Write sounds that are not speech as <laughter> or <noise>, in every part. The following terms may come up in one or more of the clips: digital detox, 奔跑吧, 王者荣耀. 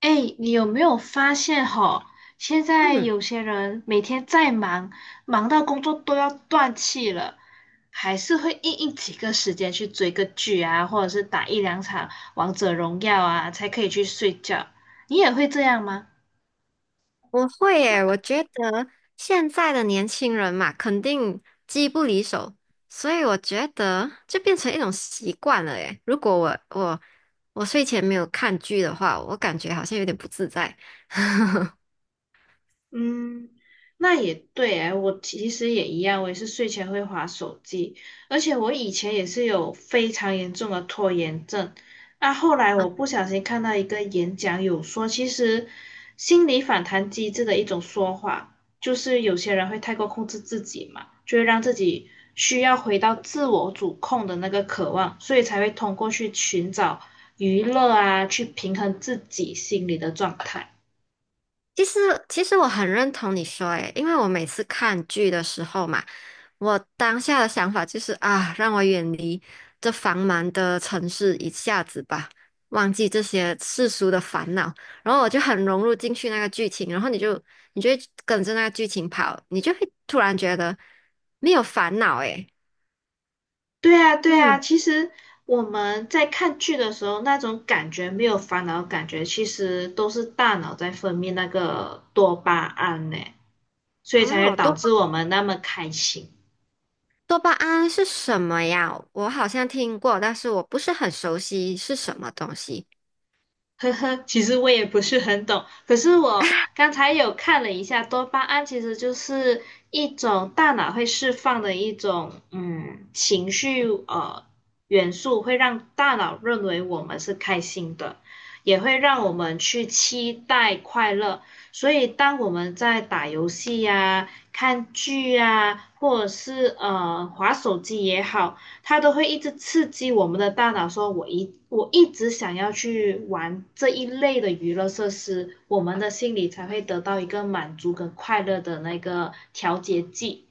哎，你有没有发现哈？现在嗯，有些人每天再忙，忙到工作都要断气了，还是会硬硬挤个时间去追个剧啊，或者是打一两场王者荣耀啊，才可以去睡觉。你也会这样吗？我会诶。我觉得现在的年轻人嘛，肯定机不离手，所以我觉得就变成一种习惯了诶。如果我睡前没有看剧的话，我感觉好像有点不自在嗯，那也对哎，我其实也一样，我也是睡前会划手机，而且我以前也是有非常严重的拖延症。那后来啊。我不小心看到一个演讲，有说其实心理反弹机制的一种说法，就是有些人会太过控制自己嘛，就会让自己需要回到自我主控的那个渴望，所以才会通过去寻找娱乐啊，去平衡自己心理的状态。其实其实我很认同你说，诶，因为我每次看剧的时候嘛。我当下的想法就是啊，让我远离这繁忙的城市一下子吧，忘记这些世俗的烦恼，然后我就很融入进去那个剧情，然后你会跟着那个剧情跑，你就会突然觉得没有烦恼诶。对啊，对啊，嗯。其实我们在看剧的时候，那种感觉没有烦恼的感觉，其实都是大脑在分泌那个多巴胺呢，所以才会哦，导多巴致我们那么开心。多巴胺是什么呀？我好像听过，但是我不是很熟悉是什么东西。呵呵，其实我也不是很懂，可是我刚才有看了一下，多巴胺其实就是一种大脑会释放的一种情绪元素，会让大脑认为我们是开心的，也会让我们去期待快乐。所以当我们在打游戏呀、看剧呀、或者是划手机也好。它都会一直刺激我们的大脑，说我一直想要去玩这一类的娱乐设施，我们的心里才会得到一个满足跟快乐的那个调节剂。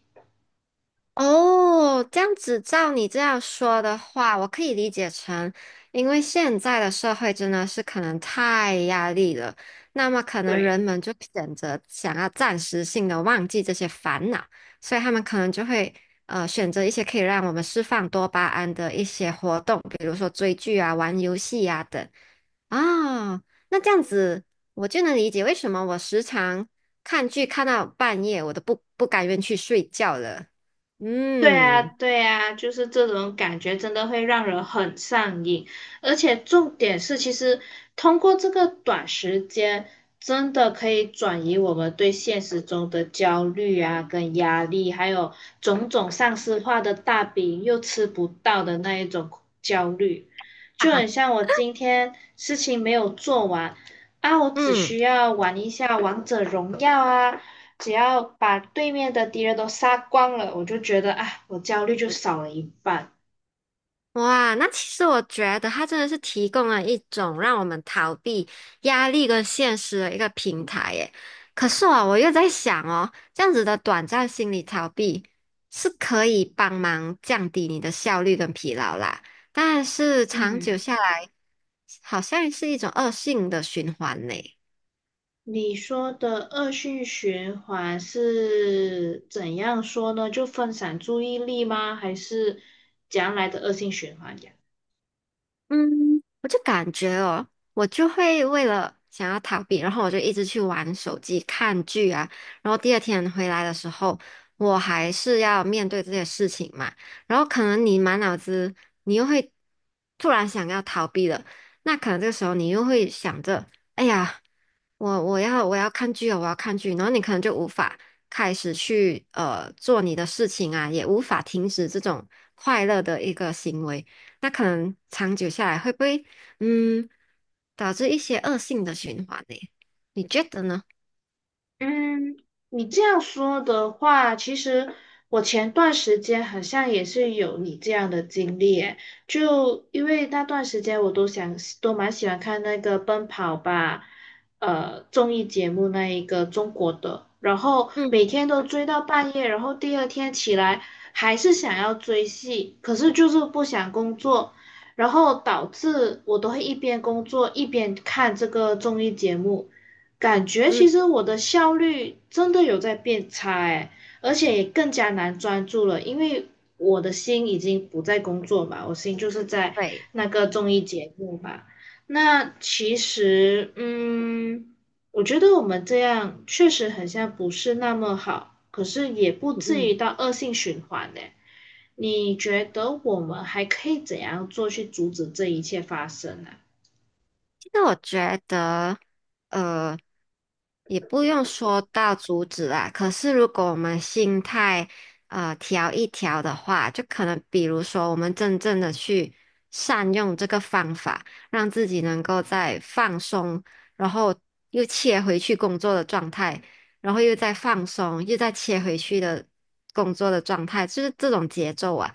哦，这样子照你这样说的话，我可以理解成，因为现在的社会真的是可能太压力了，那么可能人对，们就选择想要暂时性的忘记这些烦恼，所以他们可能就会选择一些可以让我们释放多巴胺的一些活动，比如说追剧啊、玩游戏啊等。啊，那这样子我就能理解为什么我时常看剧看到半夜，我都不甘愿去睡觉了。对啊，嗯。对啊，就是这种感觉真的会让人很上瘾，而且重点是，其实通过这个短时间，真的可以转移我们对现实中的焦虑啊、跟压力，还有种种上司化的大饼又吃不到的那一种焦虑，哈就很哈。像我今天事情没有做完啊，我只需嗯。要玩一下王者荣耀啊。只要把对面的敌人都杀光了，我就觉得啊，我焦虑就少了一半。哇，那其实我觉得它真的是提供了一种让我们逃避压力跟现实的一个平台耶。可是啊，我又在想哦，这样子的短暂心理逃避是可以帮忙降低你的效率跟疲劳啦，但是长久嗯，下来，好像是一种恶性的循环呢。你说的恶性循环是怎样说呢？就分散注意力吗？还是将来的恶性循环呀？嗯，我就感觉哦，我就会为了想要逃避，然后我就一直去玩手机、看剧啊。然后第二天回来的时候，我还是要面对这些事情嘛。然后可能你满脑子，你又会突然想要逃避了，那可能这个时候你又会想着，哎呀，我要看剧哦，我要看剧。然后你可能就无法开始去做你的事情啊，也无法停止这种快乐的一个行为。那可能长久下来会不会嗯导致一些恶性的循环呢？你觉得呢？嗯，你这样说的话，其实我前段时间好像也是有你这样的经历诶，就因为那段时间我都想都蛮喜欢看那个《奔跑吧》综艺节目那一个中国的，然后嗯每天都追到半夜，然后第二天起来还是想要追戏，可是就是不想工作，然后导致我都会一边工作一边看这个综艺节目。感觉嗯。其实我的效率真的有在变差哎，而且也更加难专注了，因为我的心已经不在工作嘛，我心就是在对。那个综艺节目嘛。那其实，嗯，我觉得我们这样确实很像不是那么好，可是也不嗯至于嗯。到恶性循环呢。你觉得我们还可以怎样做去阻止这一切发生呢？那我觉得，呃，也不用说到阻止啦。可是如果我们心态调一调的话，就可能比如说我们真正的去善用这个方法，让自己能够在放松，然后又切回去工作的状态，然后又再放松，又再切回去的工作的状态，就是这种节奏啊。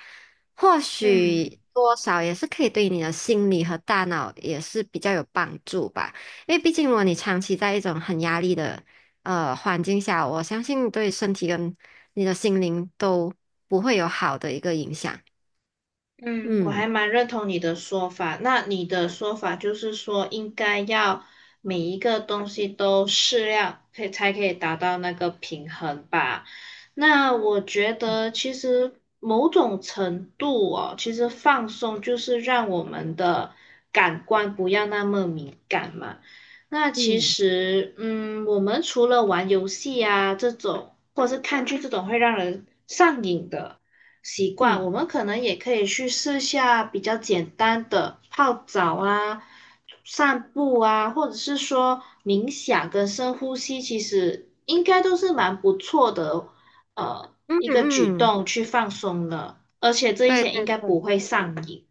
或嗯。许多少也是可以对你的心理和大脑也是比较有帮助吧，因为毕竟如果你长期在一种很压力的环境下，我相信对身体跟你的心灵都不会有好的一个影响。嗯，我嗯还蛮认同你的说法。那你的说法就是说，应该要每一个东西都适量，可以才可以达到那个平衡吧？那我觉得其实某种程度哦，其实放松就是让我们的感官不要那么敏感嘛。那其嗯。实，嗯，我们除了玩游戏啊这种，或者是看剧这种会让人上瘾的。习惯，嗯我们可能也可以去试下比较简单的泡澡啊、散步啊，或者是说冥想跟深呼吸，其实应该都是蛮不错的，嗯。一个举嗯。动去放松了，而且这一对些应对该对。不会上瘾。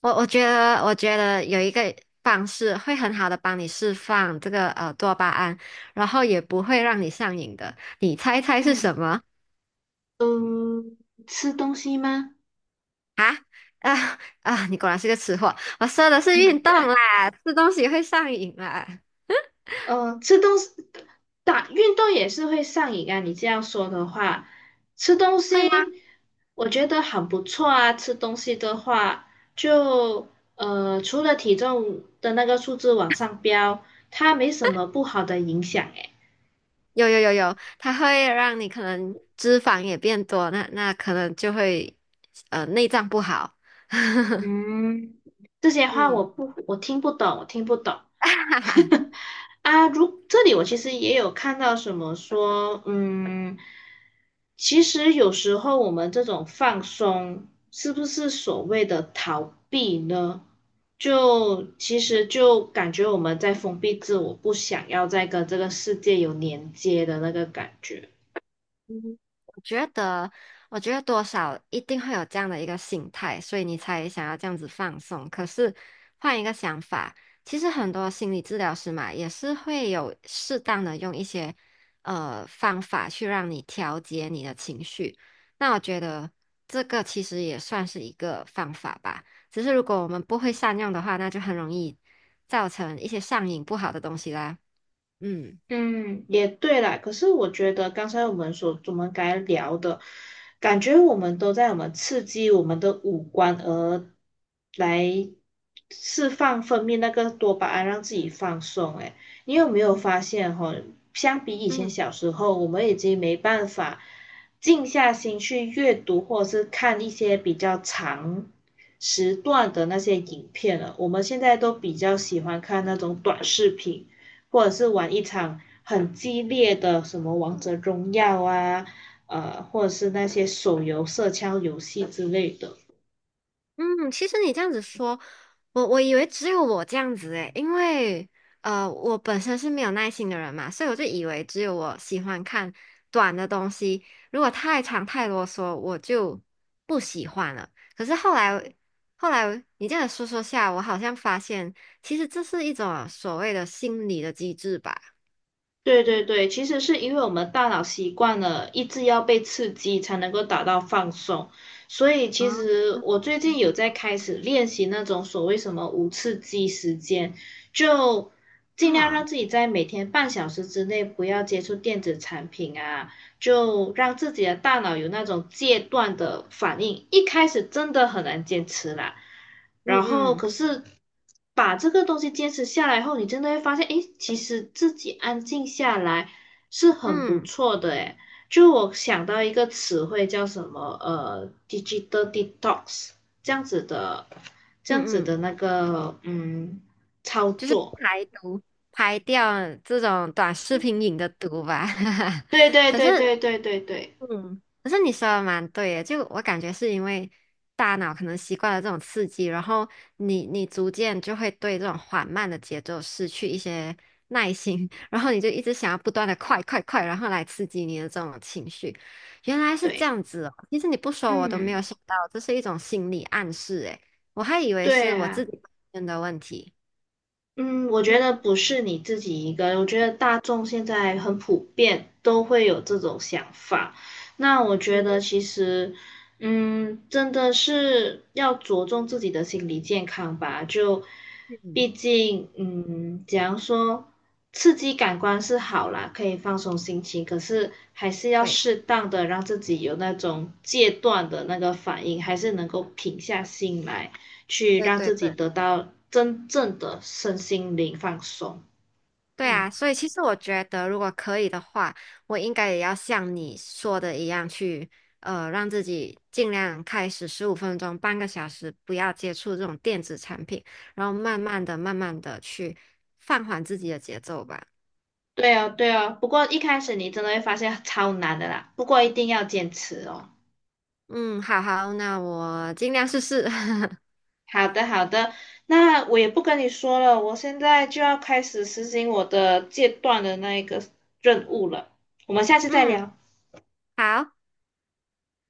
我觉得有一个方式会很好的帮你释放这个多巴胺，然后也不会让你上瘾的，你猜猜是嗯，什么？嗯，吃东西吗？啊。啊，你果然是个吃货。我说的是运动啦，吃东西会上瘾啦。嗯，吃东西，打运动也是会上瘾啊。你这样说的话，吃东会西吗？我觉得很不错啊。吃东西的话，就除了体重的那个数字往上飙，它没什么不好的影响诶。有有有有，它会让你可能脂肪也变多，那可能就会内脏不好。<laughs> 嗯，这些话我嗯。不，我听不懂，我听不懂。<laughs> <laughs> 啊，如这里我其实也有看到什么说，嗯，其实有时候我们这种放松，是不是所谓的逃避呢？就其实就感觉我们在封闭自我，不想要再跟这个世界有连接的那个感觉。嗯，我觉得，我觉得多少一定会有这样的一个心态，所以你才想要这样子放松。可是换一个想法，其实很多心理治疗师嘛，也是会有适当的用一些方法去让你调节你的情绪。那我觉得这个其实也算是一个方法吧。只是如果我们不会善用的话，那就很容易造成一些上瘾不好的东西啦。嗯。嗯，也对啦。可是我觉得刚才我们该聊的，感觉我们都在我们刺激我们的五官，而来释放分泌那个多巴胺，让自己放松。诶，你有没有发现哈、相比以前小时候，我们已经没办法静下心去阅读或者是看一些比较长时段的那些影片了。我们现在都比较喜欢看那种短视频。或者是玩一场很激烈的什么王者荣耀啊，或者是那些手游射枪游戏之类的。嗯，其实你这样子说，我以为只有我这样子诶。因为我本身是没有耐心的人嘛，所以我就以为只有我喜欢看短的东西。如果太长太啰嗦，我就不喜欢了。可是后来你这样说说下，我好像发现，其实这是一种所谓的心理的机制吧。对对对，其实是因为我们大脑习惯了一直要被刺激才能够达到放松，所以其啊。实我最近有在开始练习那种所谓什么无刺激时间，就尽量让啊。自己在每天半小时之内不要接触电子产品啊，就让自己的大脑有那种戒断的反应。一开始真的很难坚持啦，嗯然后嗯可是把这个东西坚持下来后，你真的会发现，诶，其实自己安静下来是很不嗯错的，诶。就我想到一个词汇叫什么，digital detox 这样子的，这样子嗯的嗯。那个，嗯，操就是作。排毒，排掉这种短视频瘾的毒吧。<laughs> 对对可对是，对对对对嗯，可是你说的蛮对的，就我感觉是因为大脑可能习惯了这种刺激，然后你逐渐就会对这种缓慢的节奏失去一些耐心，<laughs> 然后你就一直想要不断的快快快，然后来刺激你的这种情绪。原来是这对，样子哦，其实你不说我都没有嗯，想到，这是一种心理暗示诶。我还以为对是我自啊。己本身的问题。嗯，我觉嗯得不是你自己一个，我觉得大众现在很普遍都会有这种想法。那我觉得嗯。其实，嗯，真的是要着重自己的心理健康吧。就嗯，毕竟，嗯，假如说刺激感官是好啦，可以放松心情，可是还是要对适当的让自己有那种戒断的那个反应，还是能够平下心来。去对让对自己对。得到真正的身心灵放松。对嗯，啊，所以其实我觉得，如果可以的话，我应该也要像你说的一样去，呃，让自己尽量开始15分钟、半个小时，不要接触这种电子产品，然后慢慢的、慢慢的去放缓自己的节奏吧。对哦，对哦。不过一开始你真的会发现超难的啦，不过一定要坚持哦。嗯，好好，那我尽量试试。<laughs> 好的，好的。那我也不跟你说了，我现在就要开始实行我的戒断的那一个任务了。我们下次再嗯，聊。好。